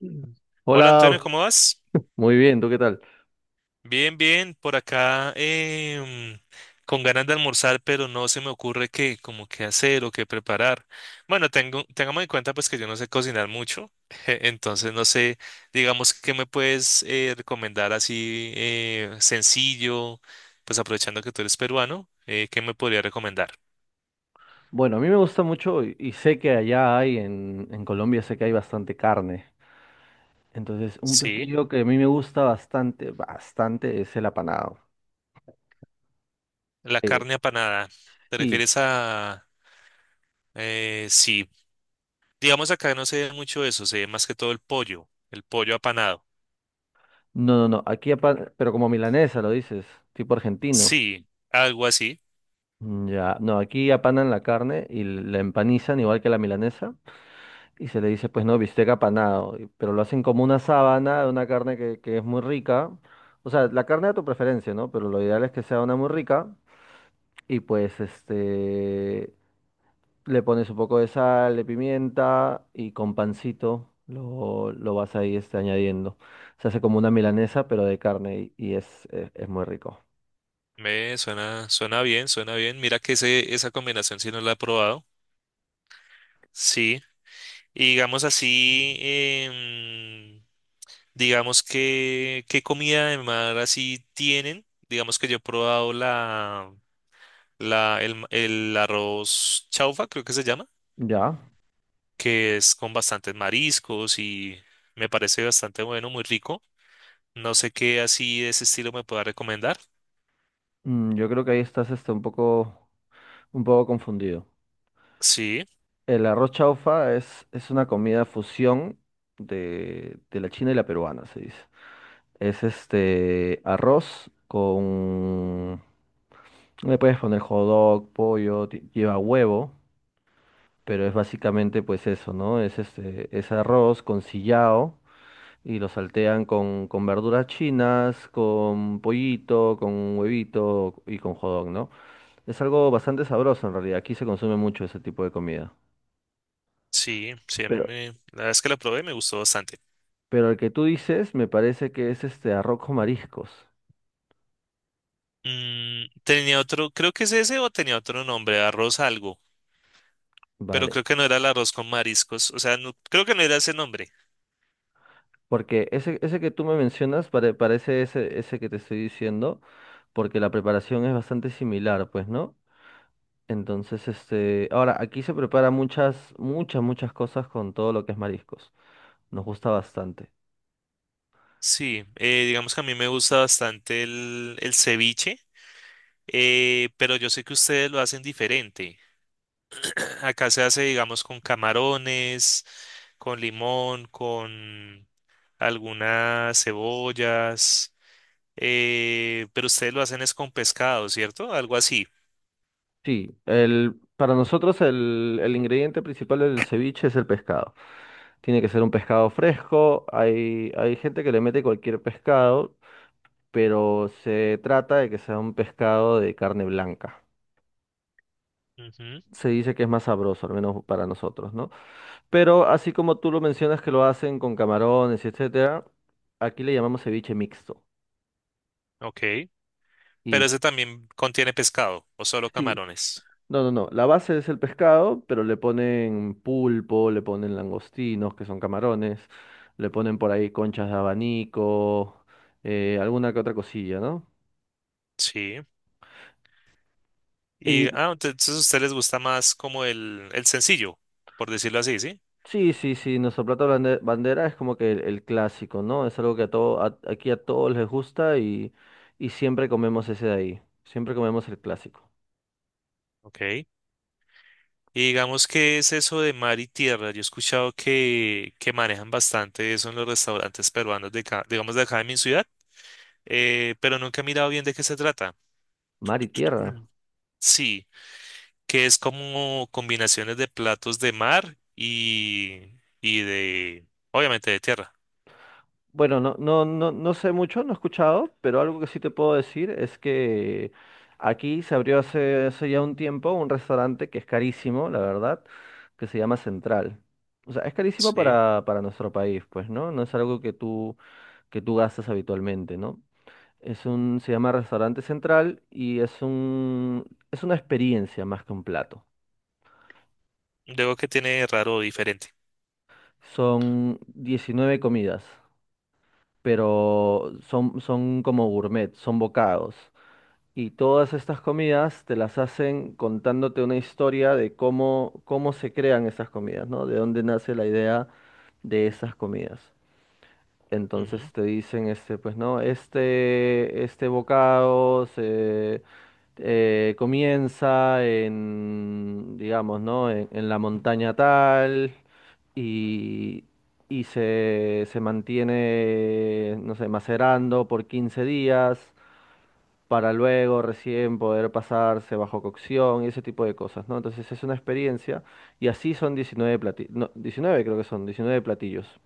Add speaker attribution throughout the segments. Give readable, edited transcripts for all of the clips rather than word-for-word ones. Speaker 1: Mm. Hola Antonio,
Speaker 2: Hola,
Speaker 1: ¿cómo vas?
Speaker 2: muy bien, ¿tú qué tal?
Speaker 1: Bien, bien, por acá con ganas de almorzar, pero no se me ocurre qué, como qué hacer o qué preparar. Bueno, tengamos en cuenta pues que yo no sé cocinar mucho, entonces no sé, digamos, ¿qué me puedes recomendar así sencillo? Pues aprovechando que tú eres peruano, ¿qué me podría recomendar?
Speaker 2: Bueno, a mí me gusta mucho y sé que allá hay, en Colombia sé que hay bastante carne. Entonces, un
Speaker 1: Sí,
Speaker 2: platillo que a mí me gusta bastante, bastante es el apanado.
Speaker 1: la
Speaker 2: Eh,
Speaker 1: carne apanada. ¿Te
Speaker 2: sí,
Speaker 1: refieres a...? Sí. Digamos acá no se ve mucho eso, se ve más que todo el pollo apanado.
Speaker 2: no, no, no, aquí pero como milanesa lo dices, tipo argentino.
Speaker 1: Sí, algo así.
Speaker 2: Mm, ya, no, aquí apanan la carne y la empanizan igual que la milanesa y se le dice, pues no, bistec apanado, pero lo hacen como una sábana de una carne que es muy rica. O sea, la carne a tu preferencia, ¿no? Pero lo ideal es que sea una muy rica. Y pues le pones un poco de sal, de pimienta y con pancito lo vas ahí añadiendo. Se hace como una milanesa, pero de carne y es muy rico.
Speaker 1: Me suena, suena bien, suena bien. Mira que esa combinación sí no la he probado. Sí. Y digamos así, em, digamos que qué comida de mar así tienen. Digamos que yo he probado el arroz chaufa, creo que se llama,
Speaker 2: Ya,
Speaker 1: que es con bastantes mariscos y me parece bastante bueno, muy rico. No sé qué así de ese estilo me pueda recomendar.
Speaker 2: yo creo que ahí estás un poco confundido.
Speaker 1: Sí,
Speaker 2: El arroz chaufa es una comida fusión de la china y la peruana, se dice. Es este arroz con... Le puedes poner hot dog, pollo, lleva huevo. Pero es básicamente pues eso, ¿no? Es arroz con sillao y lo saltean con verduras chinas, con pollito, con huevito y con jodón, ¿no? Es algo bastante sabroso en realidad, aquí se consume mucho ese tipo de comida.
Speaker 1: sí, sí, a mí
Speaker 2: Pero,
Speaker 1: me... La verdad es que la probé y me gustó bastante.
Speaker 2: pero el que tú dices me parece que es este arroz con mariscos,
Speaker 1: Tenía otro, creo que es ese o tenía otro nombre, arroz algo, pero
Speaker 2: ¿vale?
Speaker 1: creo que no era el arroz con mariscos, o sea, creo que no era ese nombre.
Speaker 2: Porque ese que tú me mencionas parece ese que te estoy diciendo, porque la preparación es bastante similar, pues, ¿no? Entonces, este, ahora aquí se prepara muchas, muchas, muchas cosas con todo lo que es mariscos. Nos gusta bastante.
Speaker 1: Sí, digamos que a mí me gusta bastante el ceviche, pero yo sé que ustedes lo hacen diferente. Acá se hace, digamos, con camarones, con limón, con algunas cebollas. Pero ustedes lo hacen es con pescado, ¿cierto? Algo así.
Speaker 2: Sí, para nosotros el ingrediente principal del ceviche es el pescado. Tiene que ser un pescado fresco. Hay gente que le mete cualquier pescado, pero se trata de que sea un pescado de carne blanca.
Speaker 1: Ujú.
Speaker 2: Se dice que es más sabroso, al menos para nosotros, ¿no? Pero así como tú lo mencionas que lo hacen con camarones, etcétera, aquí le llamamos ceviche mixto.
Speaker 1: Ok. ¿Pero
Speaker 2: Y
Speaker 1: ese también contiene pescado o solo
Speaker 2: sí,
Speaker 1: camarones?
Speaker 2: no, no, no. La base es el pescado, pero le ponen pulpo, le ponen langostinos, que son camarones, le ponen por ahí conchas de abanico, alguna que otra cosilla, ¿no?
Speaker 1: Sí. Y
Speaker 2: Y
Speaker 1: entonces a ustedes les gusta más como el sencillo, por decirlo así, ¿sí?
Speaker 2: sí, sí, sí, nuestro plato bandera es como que el clásico, ¿no? Es algo que a todo, aquí a todos les gusta y siempre comemos ese de ahí. Siempre comemos el clásico.
Speaker 1: Ok. Y digamos, ¿qué es eso de mar y tierra? Yo he escuchado que manejan bastante eso en los restaurantes peruanos de acá, digamos de acá de mi ciudad, pero nunca he mirado bien de qué se trata.
Speaker 2: Mar y tierra.
Speaker 1: Sí. Que es como combinaciones de platos de mar y de, obviamente, de tierra,
Speaker 2: Bueno, no, no, no, no sé mucho, no he escuchado, pero algo que sí te puedo decir es que aquí se abrió hace ya un tiempo un restaurante que es carísimo, la verdad, que se llama Central. O sea, es carísimo
Speaker 1: ¿sí?
Speaker 2: para nuestro país, pues, ¿no? No es algo que tú, gastas habitualmente, ¿no? Se llama Restaurante Central y es una experiencia más que un plato.
Speaker 1: ¿Luego que tiene de raro o diferente?
Speaker 2: Son 19 comidas, pero son como gourmet, son bocados. Y todas estas comidas te las hacen contándote una historia de cómo se crean esas comidas, ¿no? De dónde nace la idea de esas comidas. Entonces
Speaker 1: Ujú,
Speaker 2: te dicen, pues no, este bocado se comienza en, digamos, ¿no? En la montaña tal y, y se mantiene, no sé, macerando por 15 días para luego recién poder pasarse bajo cocción y ese tipo de cosas, ¿no? Entonces es una experiencia y así son 19 platillos, no, 19 creo que son, 19 platillos.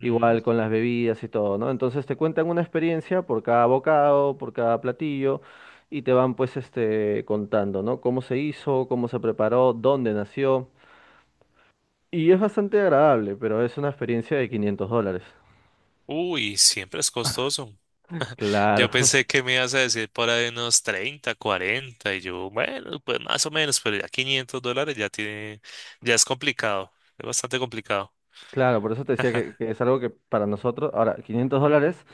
Speaker 2: Igual
Speaker 1: ujú.
Speaker 2: con las bebidas y todo, ¿no? Entonces te cuentan una experiencia por cada bocado, por cada platillo y te van pues contando, ¿no? Cómo se hizo, cómo se preparó, dónde nació. Y es bastante agradable, pero es una experiencia de $500.
Speaker 1: Uy, siempre es costoso. Yo
Speaker 2: Claro.
Speaker 1: pensé que me ibas a decir por ahí unos 30, 40. Y yo, bueno, pues más o menos, pero ya $500 ya tiene, ya es complicado, es bastante complicado.
Speaker 2: Claro, por eso te decía que es algo que para nosotros, ahora, $500,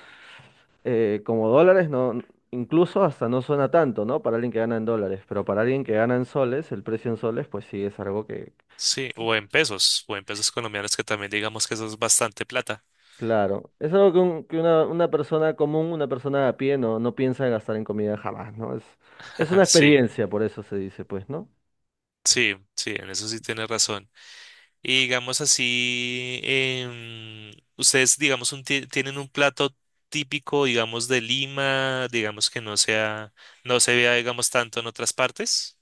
Speaker 2: como dólares, no, incluso hasta no suena tanto, ¿no? Para alguien que gana en dólares, pero para alguien que gana en soles, el precio en soles, pues sí, es algo que,
Speaker 1: Sí, o en
Speaker 2: sí,
Speaker 1: pesos colombianos, que también digamos que eso es bastante plata.
Speaker 2: claro, es algo que, que una persona común, una persona a pie, no, no piensa en gastar en comida jamás, ¿no? Es una
Speaker 1: Sí,
Speaker 2: experiencia, por eso se dice, pues, ¿no?
Speaker 1: sí, sí, en eso sí tienes razón. Y digamos así, ustedes, digamos, tienen un plato típico, digamos, de Lima, digamos que no se vea, digamos, tanto en otras partes.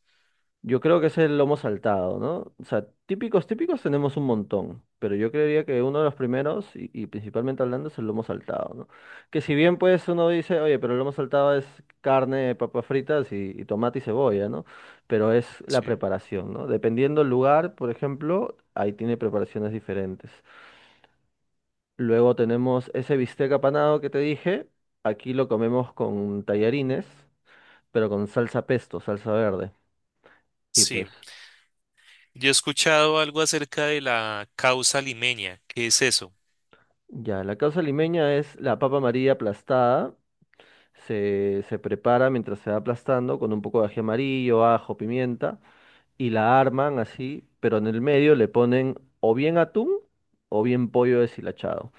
Speaker 2: Yo creo que es el lomo saltado, ¿no? O sea, típicos tenemos un montón, pero yo creería que uno de los primeros, y principalmente hablando, es el lomo saltado, ¿no? Que si bien pues uno dice, oye, pero el lomo saltado es carne, papas fritas y tomate y cebolla, ¿no? Pero es la
Speaker 1: Sí.
Speaker 2: preparación, ¿no? Dependiendo el lugar, por ejemplo, ahí tiene preparaciones diferentes. Luego tenemos ese bistec apanado que te dije, aquí lo comemos con tallarines, pero con salsa pesto, salsa verde. Y pues
Speaker 1: Sí. Yo he escuchado algo acerca de la causa limeña. ¿Qué es eso?
Speaker 2: ya, la causa limeña es la papa amarilla aplastada. Se prepara mientras se va aplastando con un poco de ají amarillo, ajo, pimienta y la arman así, pero en el medio le ponen o bien atún o bien pollo deshilachado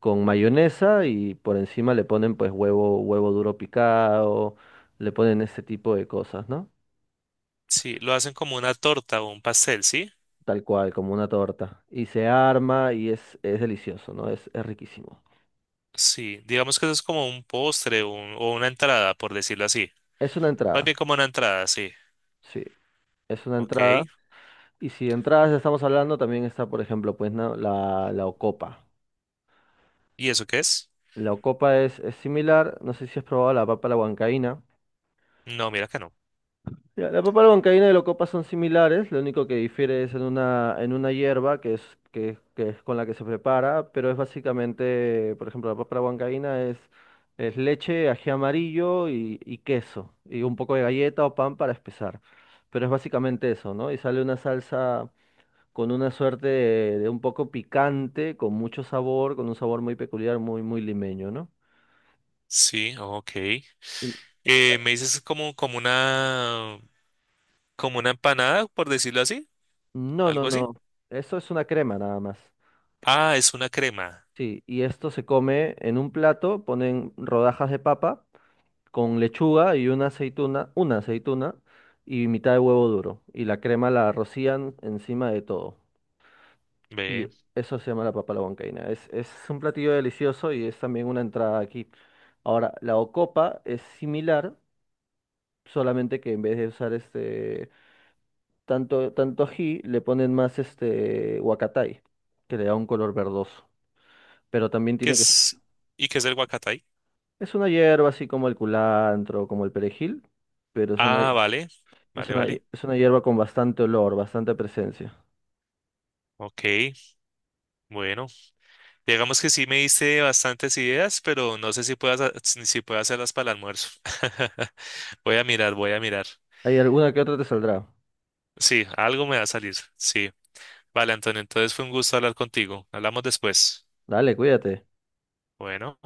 Speaker 2: con mayonesa y por encima le ponen pues huevo, huevo duro picado, le ponen ese tipo de cosas, ¿no?
Speaker 1: Sí, lo hacen como una torta o un pastel, ¿sí?
Speaker 2: Tal cual, como una torta. Y se arma y es delicioso, ¿no? Es riquísimo.
Speaker 1: Sí, digamos que eso es como un postre o una entrada, por decirlo así.
Speaker 2: Es una
Speaker 1: Más
Speaker 2: entrada,
Speaker 1: bien como una entrada, sí.
Speaker 2: sí, es una entrada.
Speaker 1: Ok.
Speaker 2: Y si de entradas ya estamos hablando, también está, por ejemplo, pues, ¿no? la ocopa.
Speaker 1: ¿Y eso qué es?
Speaker 2: La ocopa es similar, no sé si has probado la papa a la huancaína.
Speaker 1: No, mira que no.
Speaker 2: Ya, la papa a la huancaína y la ocopa son similares, lo único que difiere es en una, hierba que es, que es con la que se prepara, pero es básicamente, por ejemplo, la papa a la huancaína es leche, ají amarillo y queso, y un poco de galleta o pan para espesar. Pero es básicamente eso, ¿no? Y sale una salsa con una suerte de un poco picante, con mucho sabor, con un sabor muy peculiar, muy, muy limeño, ¿no?
Speaker 1: Sí, ok.
Speaker 2: Y la-
Speaker 1: Me dices como, como una empanada, por decirlo así,
Speaker 2: no, no,
Speaker 1: algo así.
Speaker 2: no. Eso es una crema nada más.
Speaker 1: Ah, es una crema.
Speaker 2: Sí, y esto se come en un plato, ponen rodajas de papa con lechuga y una aceituna y mitad de huevo duro. Y la crema la rocían encima de todo.
Speaker 1: Ve,
Speaker 2: Y eso se llama la papa a la huancaína. Es un platillo delicioso y es también una entrada aquí. Ahora, la ocopa es similar, solamente que en vez de usar tanto, tanto ají, le ponen más este huacatay, que le da un color verdoso. Pero también
Speaker 1: ¿qué
Speaker 2: tiene que ser.
Speaker 1: es? ¿Y qué es el guacatay?
Speaker 2: Es una hierba así como el culantro, como el perejil, pero es una,
Speaker 1: Ah, vale,
Speaker 2: es
Speaker 1: vale,
Speaker 2: una,
Speaker 1: vale.
Speaker 2: es una hierba con bastante olor, bastante presencia.
Speaker 1: Ok, bueno, digamos que sí me diste bastantes ideas, pero no sé si puedas, si puedo hacerlas para el almuerzo. Voy a mirar, voy a mirar.
Speaker 2: ¿Hay alguna que otra te saldrá?
Speaker 1: Sí, algo me va a salir. Sí. Vale, Antonio, entonces fue un gusto hablar contigo. Hablamos después.
Speaker 2: Dale, cuídate.
Speaker 1: Bueno.